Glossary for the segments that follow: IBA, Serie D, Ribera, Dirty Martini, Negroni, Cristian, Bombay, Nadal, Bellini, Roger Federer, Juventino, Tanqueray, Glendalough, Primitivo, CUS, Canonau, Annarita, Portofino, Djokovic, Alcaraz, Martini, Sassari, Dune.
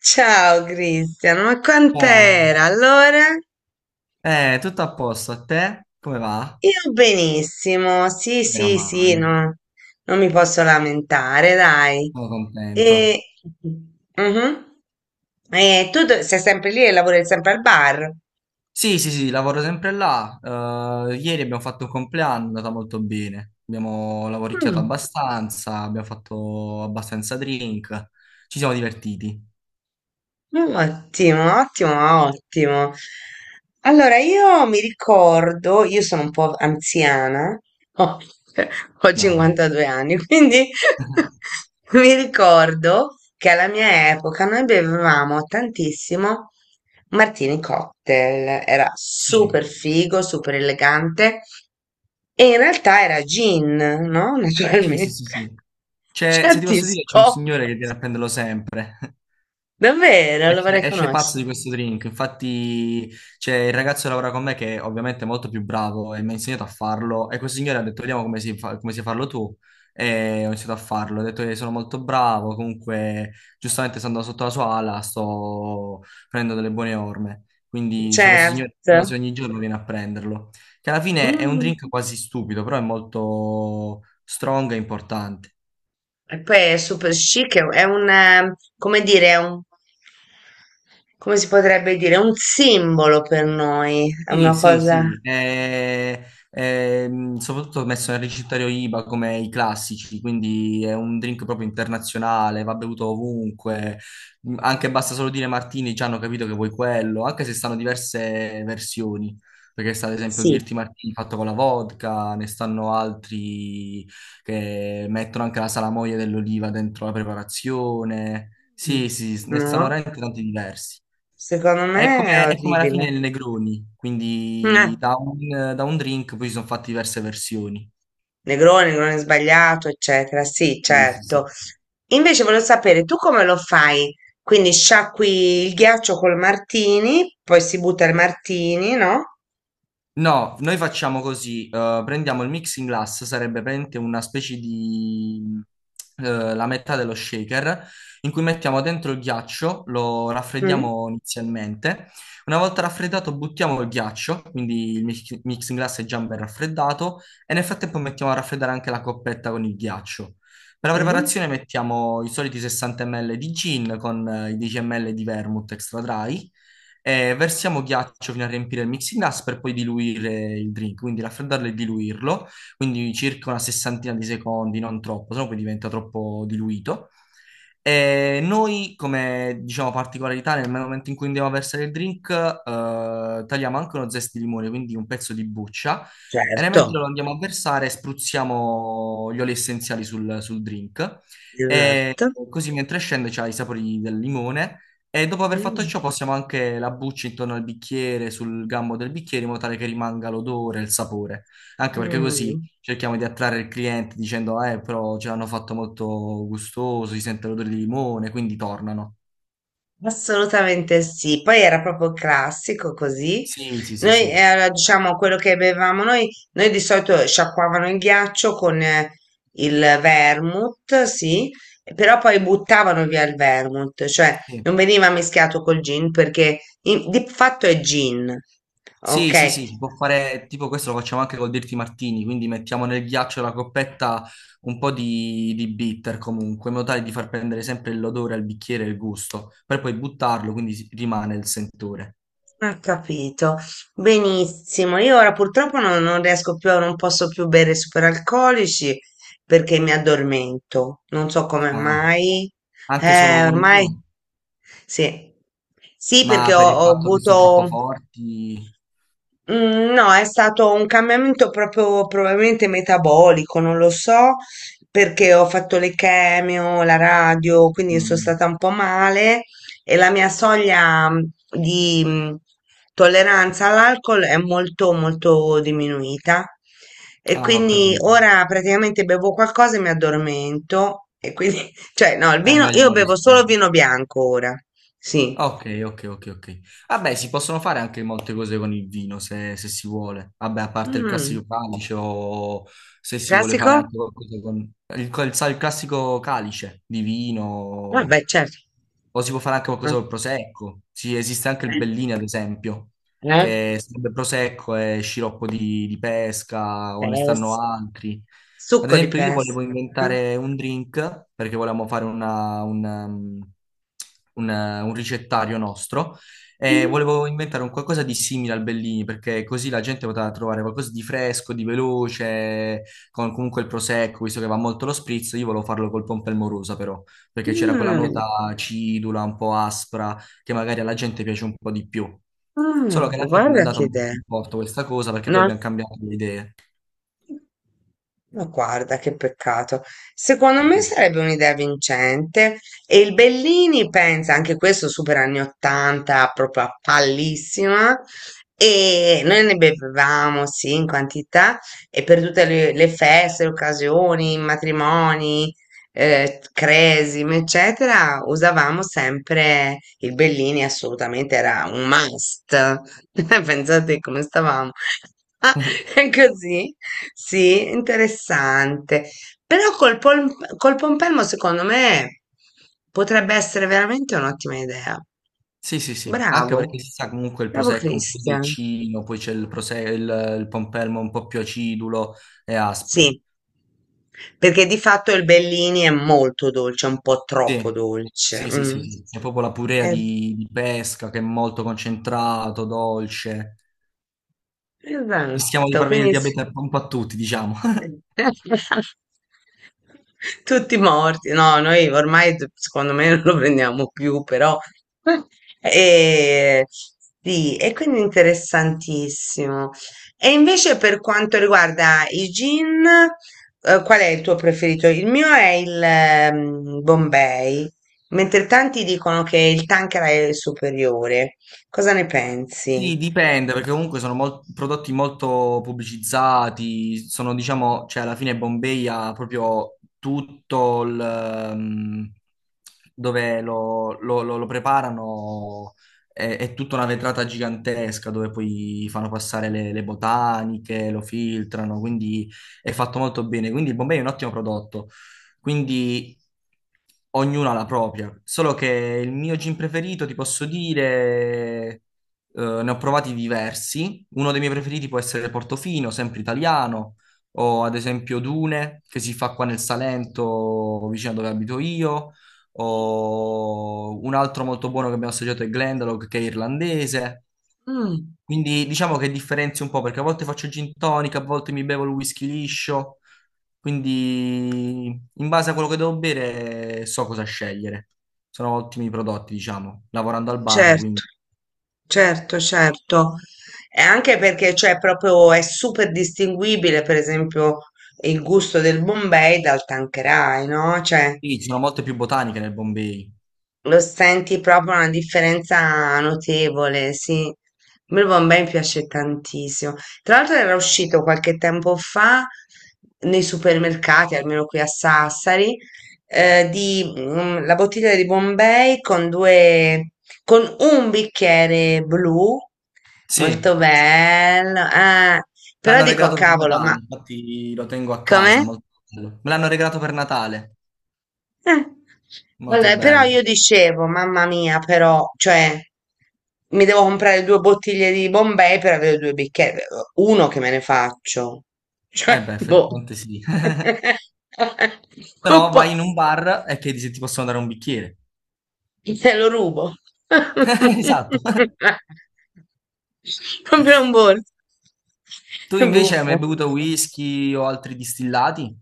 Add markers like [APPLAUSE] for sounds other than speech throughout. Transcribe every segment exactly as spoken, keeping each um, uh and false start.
Ciao Cristian, ma Ciao. quant'era? Allora? Eh, tutto a posto, a te? Come va? Io benissimo, sì, Meno sì, sì, male, no, non mi posso lamentare, dai. sono E, contento. mhm. E tu do- sei sempre lì e lavori sempre al bar? Sì, sì, sì, lavoro sempre là. Eh, ieri abbiamo fatto un compleanno, è andata molto bene. Abbiamo lavoricchiato Mm. abbastanza, abbiamo fatto abbastanza drink, ci siamo divertiti. Ottimo, ottimo, ottimo. Allora, io mi ricordo, io sono un po' anziana, ho, [LAUGHS] ho No. cinquantadue anni, quindi [LAUGHS] [LAUGHS] mi ricordo che alla mia epoca noi bevevamo tantissimo Martini Cocktail, era super Sì, figo, super elegante e in realtà era gin, no? sì, sì, sì, Naturalmente. sì. [LAUGHS] C'è- se ti Certi posso dire, c'è un signore scopi. che viene a prenderlo sempre. Davvero, lo Esce, vorrei esce pazzo di conoscere. questo drink. Infatti c'è il ragazzo che lavora con me che ovviamente è molto più bravo e mi ha insegnato a farlo, e questo signore ha detto vediamo come si fa, come sai farlo tu, e ho iniziato a farlo, ho detto che sono molto bravo. Comunque giustamente stando sotto la sua ala sto prendendo delle buone orme, quindi c'è questo signore che Certo. quasi ogni giorno viene a prenderlo, che alla fine è un Mm. drink quasi stupido però è molto strong e importante. E poi è super chic, è un, è un, eh, come dire, è un, come si potrebbe dire, è un simbolo per noi, è Sì, una sì, cosa, sì, eh, ehm, soprattutto ho messo nel ricettario I B A come i classici, quindi è un drink proprio internazionale, va bevuto ovunque. Mm, anche basta solo dire Martini, già hanno capito che vuoi quello, anche se stanno diverse versioni, perché sta ad esempio il sì, Dirty Martini fatto con la vodka. Ne stanno altri che mettono anche la salamoia dell'oliva dentro la preparazione. mm, Sì, sì, ne stanno no? veramente tanti diversi. Secondo È me è come, è come alla fine orribile. il Negroni, Mm, eh, quindi da un, da un drink poi si sono fatte diverse versioni. Negroni, Negroni sbagliato, eccetera, sì, Sì, sì, certo. sì. Invece volevo sapere, tu come lo fai? Quindi sciacqui il ghiaccio col martini, poi si butta il martini, no? No, noi facciamo così. Eh, prendiamo il mixing glass, sarebbe praticamente una specie di eh, la metà dello shaker, in cui mettiamo dentro il ghiaccio, lo Mm. raffreddiamo inizialmente. Una volta raffreddato buttiamo il ghiaccio, quindi il mix- mixing glass è già ben raffreddato, e nel frattempo mettiamo a raffreddare anche la coppetta con il ghiaccio. Per la Mhm. preparazione mettiamo i soliti sessanta millilitri di gin con eh, i dieci millilitri di vermouth extra dry. Eh, versiamo ghiaccio fino a riempire il mixing glass per poi diluire il drink, quindi raffreddarlo e diluirlo, quindi circa una sessantina di secondi, non troppo, sennò poi diventa troppo diluito. E noi, come diciamo particolarità, nel momento in cui andiamo a versare il drink, eh, tagliamo anche uno zest di limone, quindi un pezzo di buccia, e nel Certo. mentre lo andiamo a versare, spruzziamo gli oli essenziali sul, sul drink. E Esatto. così mentre scende c'ha i sapori del limone, e dopo aver fatto Mh, ciò possiamo anche la buccia intorno al bicchiere, sul gambo del bicchiere, in modo tale che rimanga l'odore e il sapore. Anche perché così mh, cerchiamo di attrarre il cliente dicendo, eh, però ce l'hanno fatto molto gustoso, si sente l'odore di limone, quindi tornano. assolutamente sì. Poi era proprio classico così. Sì, sì, sì, Noi, sì. eh, diciamo, quello che bevevamo noi, noi di solito sciacquavano il ghiaccio con eh, il vermouth, sì, però poi buttavano via il vermouth, cioè Sì. non veniva mischiato col gin perché in- di fatto è gin, Sì, sì, ok? sì, si può fare, tipo questo lo facciamo anche col Dirty Martini, quindi mettiamo nel ghiaccio la coppetta un po' di, di bitter comunque, in modo tale di far prendere sempre l'odore al bicchiere e il gusto, per poi buttarlo, quindi si- rimane il sentore. Ho capito. Benissimo. Io ora purtroppo non, non riesco più, non posso più bere superalcolici perché mi addormento. Non so come Ah, mai. anche solo Eh, con ormai uno? sì. Sì, Ma perché ho, per il ho fatto che sono troppo avuto. forti? Mm, no, è stato un cambiamento proprio probabilmente metabolico, non lo so, perché ho fatto le chemio, la radio, quindi sono Mm. stata un po' male e la mia soglia mm, di mm, tolleranza all'alcol è molto molto diminuita e Ah, ho quindi capito. ora praticamente bevo qualcosa e mi addormento e quindi, [LAUGHS] cioè no, il È vino, meglio io non bevo solo rischiamo. vino bianco ora, Ah, sì. ok, ok, ok, ok. Vabbè, si possono fare anche molte cose con il vino se, se si vuole. Vabbè, a parte il Mm, classico calice, o se si vuole fare classico? anche qualcosa con il, col- sai, il classico calice di Ah, vino, beh, certo. o si può fare anche qualcosa col prosecco. Sì, esiste anche il Ah, Bellini, ad esempio, eh, eh, che sarebbe prosecco e sciroppo di, di pesca, o ne pes- stanno altri. Ad succo di esempio, io pes. volevo Eh. inventare un drink perché volevamo fare una- un, um, un, uh, un ricettario nostro, e Mm, volevo inventare un qualcosa di simile al Bellini perché così la gente poteva trovare qualcosa di fresco, di veloce, con comunque il prosecco, visto che va molto lo spritz. Io volevo farlo col pompelmorosa però, perché c'era quella mm, nota acidula, un po' aspra, che magari alla gente piace un po' di più. Solo che mm, alla fine non è guarda andata che molto idea. in porto questa cosa perché poi No? abbiamo cambiato le idee. Ma guarda che peccato. Secondo me sarebbe un'idea vincente e il Bellini pensa, anche questo super anni ottanta, proprio a pallissima, e noi ne bevevamo, sì, in quantità, e per tutte le, le feste, le occasioni, i matrimoni, eh, cresime, eccetera, usavamo sempre il Bellini, assolutamente era un must. [LAUGHS] Pensate come stavamo. [LAUGHS] [LAUGHS] [LAUGHS] Così? Sì, interessante. Però col, pol- col pompelmo, secondo me, potrebbe essere veramente un'ottima idea. Sì, sì, sì, anche Bravo, perché si sa comunque il bravo prosecco un po' Christian. dolcino, poi c'è il, prose- il, il pompelmo un po' più acidulo e aspro. Sì, perché di fatto il Bellini è molto dolce, un po' troppo Sì, dolce. sì, sì, sì, Mm. sì. C'è proprio la purea Eh, di, di pesca che è molto concentrato, dolce. Rischiamo di esatto, far venire quindi il diabete un po' a tutti, diciamo. [LAUGHS] [LAUGHS] tutti morti, no, noi ormai secondo me [LAUGHS] non lo prendiamo più, però [LAUGHS] e, sì, e quindi interessantissimo. E invece per quanto riguarda i gin, eh, qual è il tuo preferito? Il mio è il ehm, Bombay, mentre tanti dicono che il Tanqueray è il superiore. Cosa ne pensi? Sì, dipende, perché comunque sono mol- prodotti molto pubblicizzati, sono, diciamo, cioè alla fine Bombay ha proprio tutto il... ehm, dove lo, lo- lo- lo preparano, è, è tutta una vetrata gigantesca dove poi fanno passare le, le botaniche, lo filtrano, quindi è fatto molto bene. Quindi Bombay è un ottimo prodotto. Quindi ognuno ha la propria. Solo che il mio gin preferito, ti posso dire, eh, ne ho provati diversi. Uno dei miei preferiti può essere Portofino, sempre italiano, o ad esempio Dune, che si fa qua nel Salento, vicino a dove abito io. O un altro molto buono che abbiamo assaggiato è Glendalough, che è irlandese. Mm. Quindi diciamo che differenzio un po' perché a volte faccio gin tonic, a volte mi bevo il whisky liscio. Quindi in base a quello che devo bere so cosa scegliere. Sono ottimi prodotti, diciamo, lavorando al bar, Certo, quindi certo, certo. E anche perché cioè, proprio è super distinguibile, per esempio, il gusto del Bombay dal Tanqueray, no? Cioè, sì, ci sono molte più botaniche nel Bombay. lo senti proprio una differenza notevole, sì. A me il Bombay mi piace tantissimo. Tra l'altro era uscito qualche tempo fa nei supermercati, almeno qui a Sassari, eh, di, mm, la bottiglia di Bombay con due, con un bicchiere blu, Sì, molto bello. Eh. Però l'hanno dico, regalato per cavolo, ma Natale, infatti lo tengo a casa, come? molto bello. Me l'hanno regalato per Natale, Eh, molto vabbè, però bello. io dicevo, mamma mia, però, cioè, mi devo comprare due bottiglie di Bombay per avere due bicchieri. Uno che me ne faccio. Eh Cioè, beh, boh. effettivamente sì. [LAUGHS] [LAUGHS] Se Non no vai in un posso. bar e chiedi se ti possono dare un bicchiere. Te lo rubo. [LAUGHS] [LAUGHS] Esatto. Proprio un borso. Tu È invece hai mai buffo. bevuto whisky o altri distillati?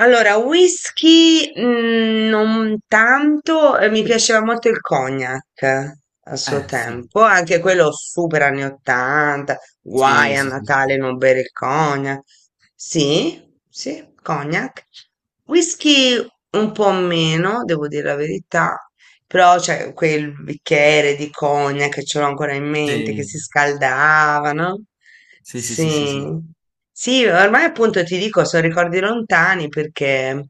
Allora, whisky mm, non tanto, eh, mi piaceva molto il cognac a suo Eh, sì. tempo, anche quello super anni ottanta, Sì, guai a sì, sì, sì. Natale non bere il cognac. Sì, sì, cognac. Whisky un po' meno, devo dire la verità, però c'è quel bicchiere di cognac, che ce l'ho ancora in mente, che Sì. si scaldava, no? Sì, sì, sì, sì, sì. Sì. Sì, ormai appunto ti dico, sono ricordi lontani perché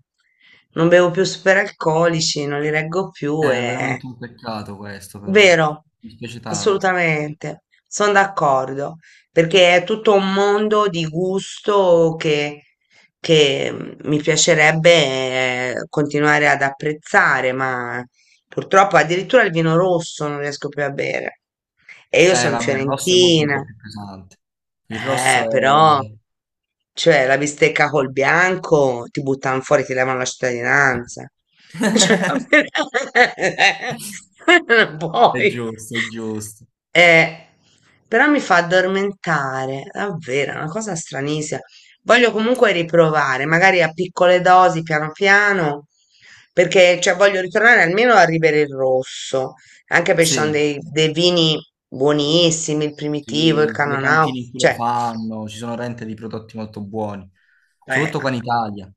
non bevo più superalcolici, non li reggo più È e veramente un peccato questo, però. vero, Mi spiace tanto. assolutamente, sono d'accordo, perché è tutto un mondo di gusto che, che, mm, mi piacerebbe eh, continuare ad apprezzare, ma purtroppo addirittura il vino rosso non riesco più a bere. E io Eh, sono vabbè, il rosso è molto un fiorentina, po' più pesante. Il rosso eh, però, è, cioè, la bistecca col bianco ti buttano fuori, ti levano la cittadinanza. Cioè, [LAUGHS] non è puoi. giusto, è giusto. Eh, però mi fa addormentare, davvero, è una cosa stranissima. Voglio comunque riprovare, magari a piccole dosi, piano piano, perché cioè, voglio ritornare almeno a Ribera il Rosso, anche perché ci sono Sì, dei, dei vini buonissimi, il Primitivo, il sì, le Canonau, cantine in cui lo cioè fanno, ci sono rente di prodotti molto buoni. eh, Soprattutto qua in Italia.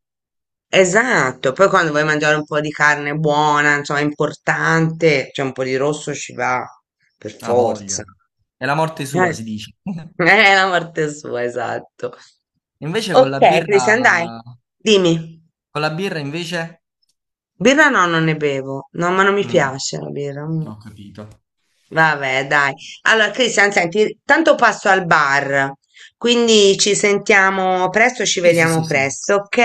esatto, poi quando vuoi mangiare un po' di carne buona, insomma, importante, cioè un po' di rosso ci va, per Ha forza. voglia. È la morte sua, Eh, si dice. [LAUGHS] [LAUGHS] è la morte sua, esatto. Invece con Ok, la birra... Cristian, dai, dimmi. Con la birra, invece... Birra no, non ne bevo. No, ma non mi Mm, piace la birra. Mm. ho capito. Vabbè, dai. Allora, Cristian, senti, tanto passo al bar, quindi ci sentiamo presto, ci Sì, sì, vediamo sì, sì. presto, ok?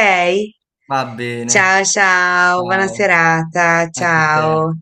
Va bene. Ciao, ciao, buona Ciao. serata, Anche a te. ciao.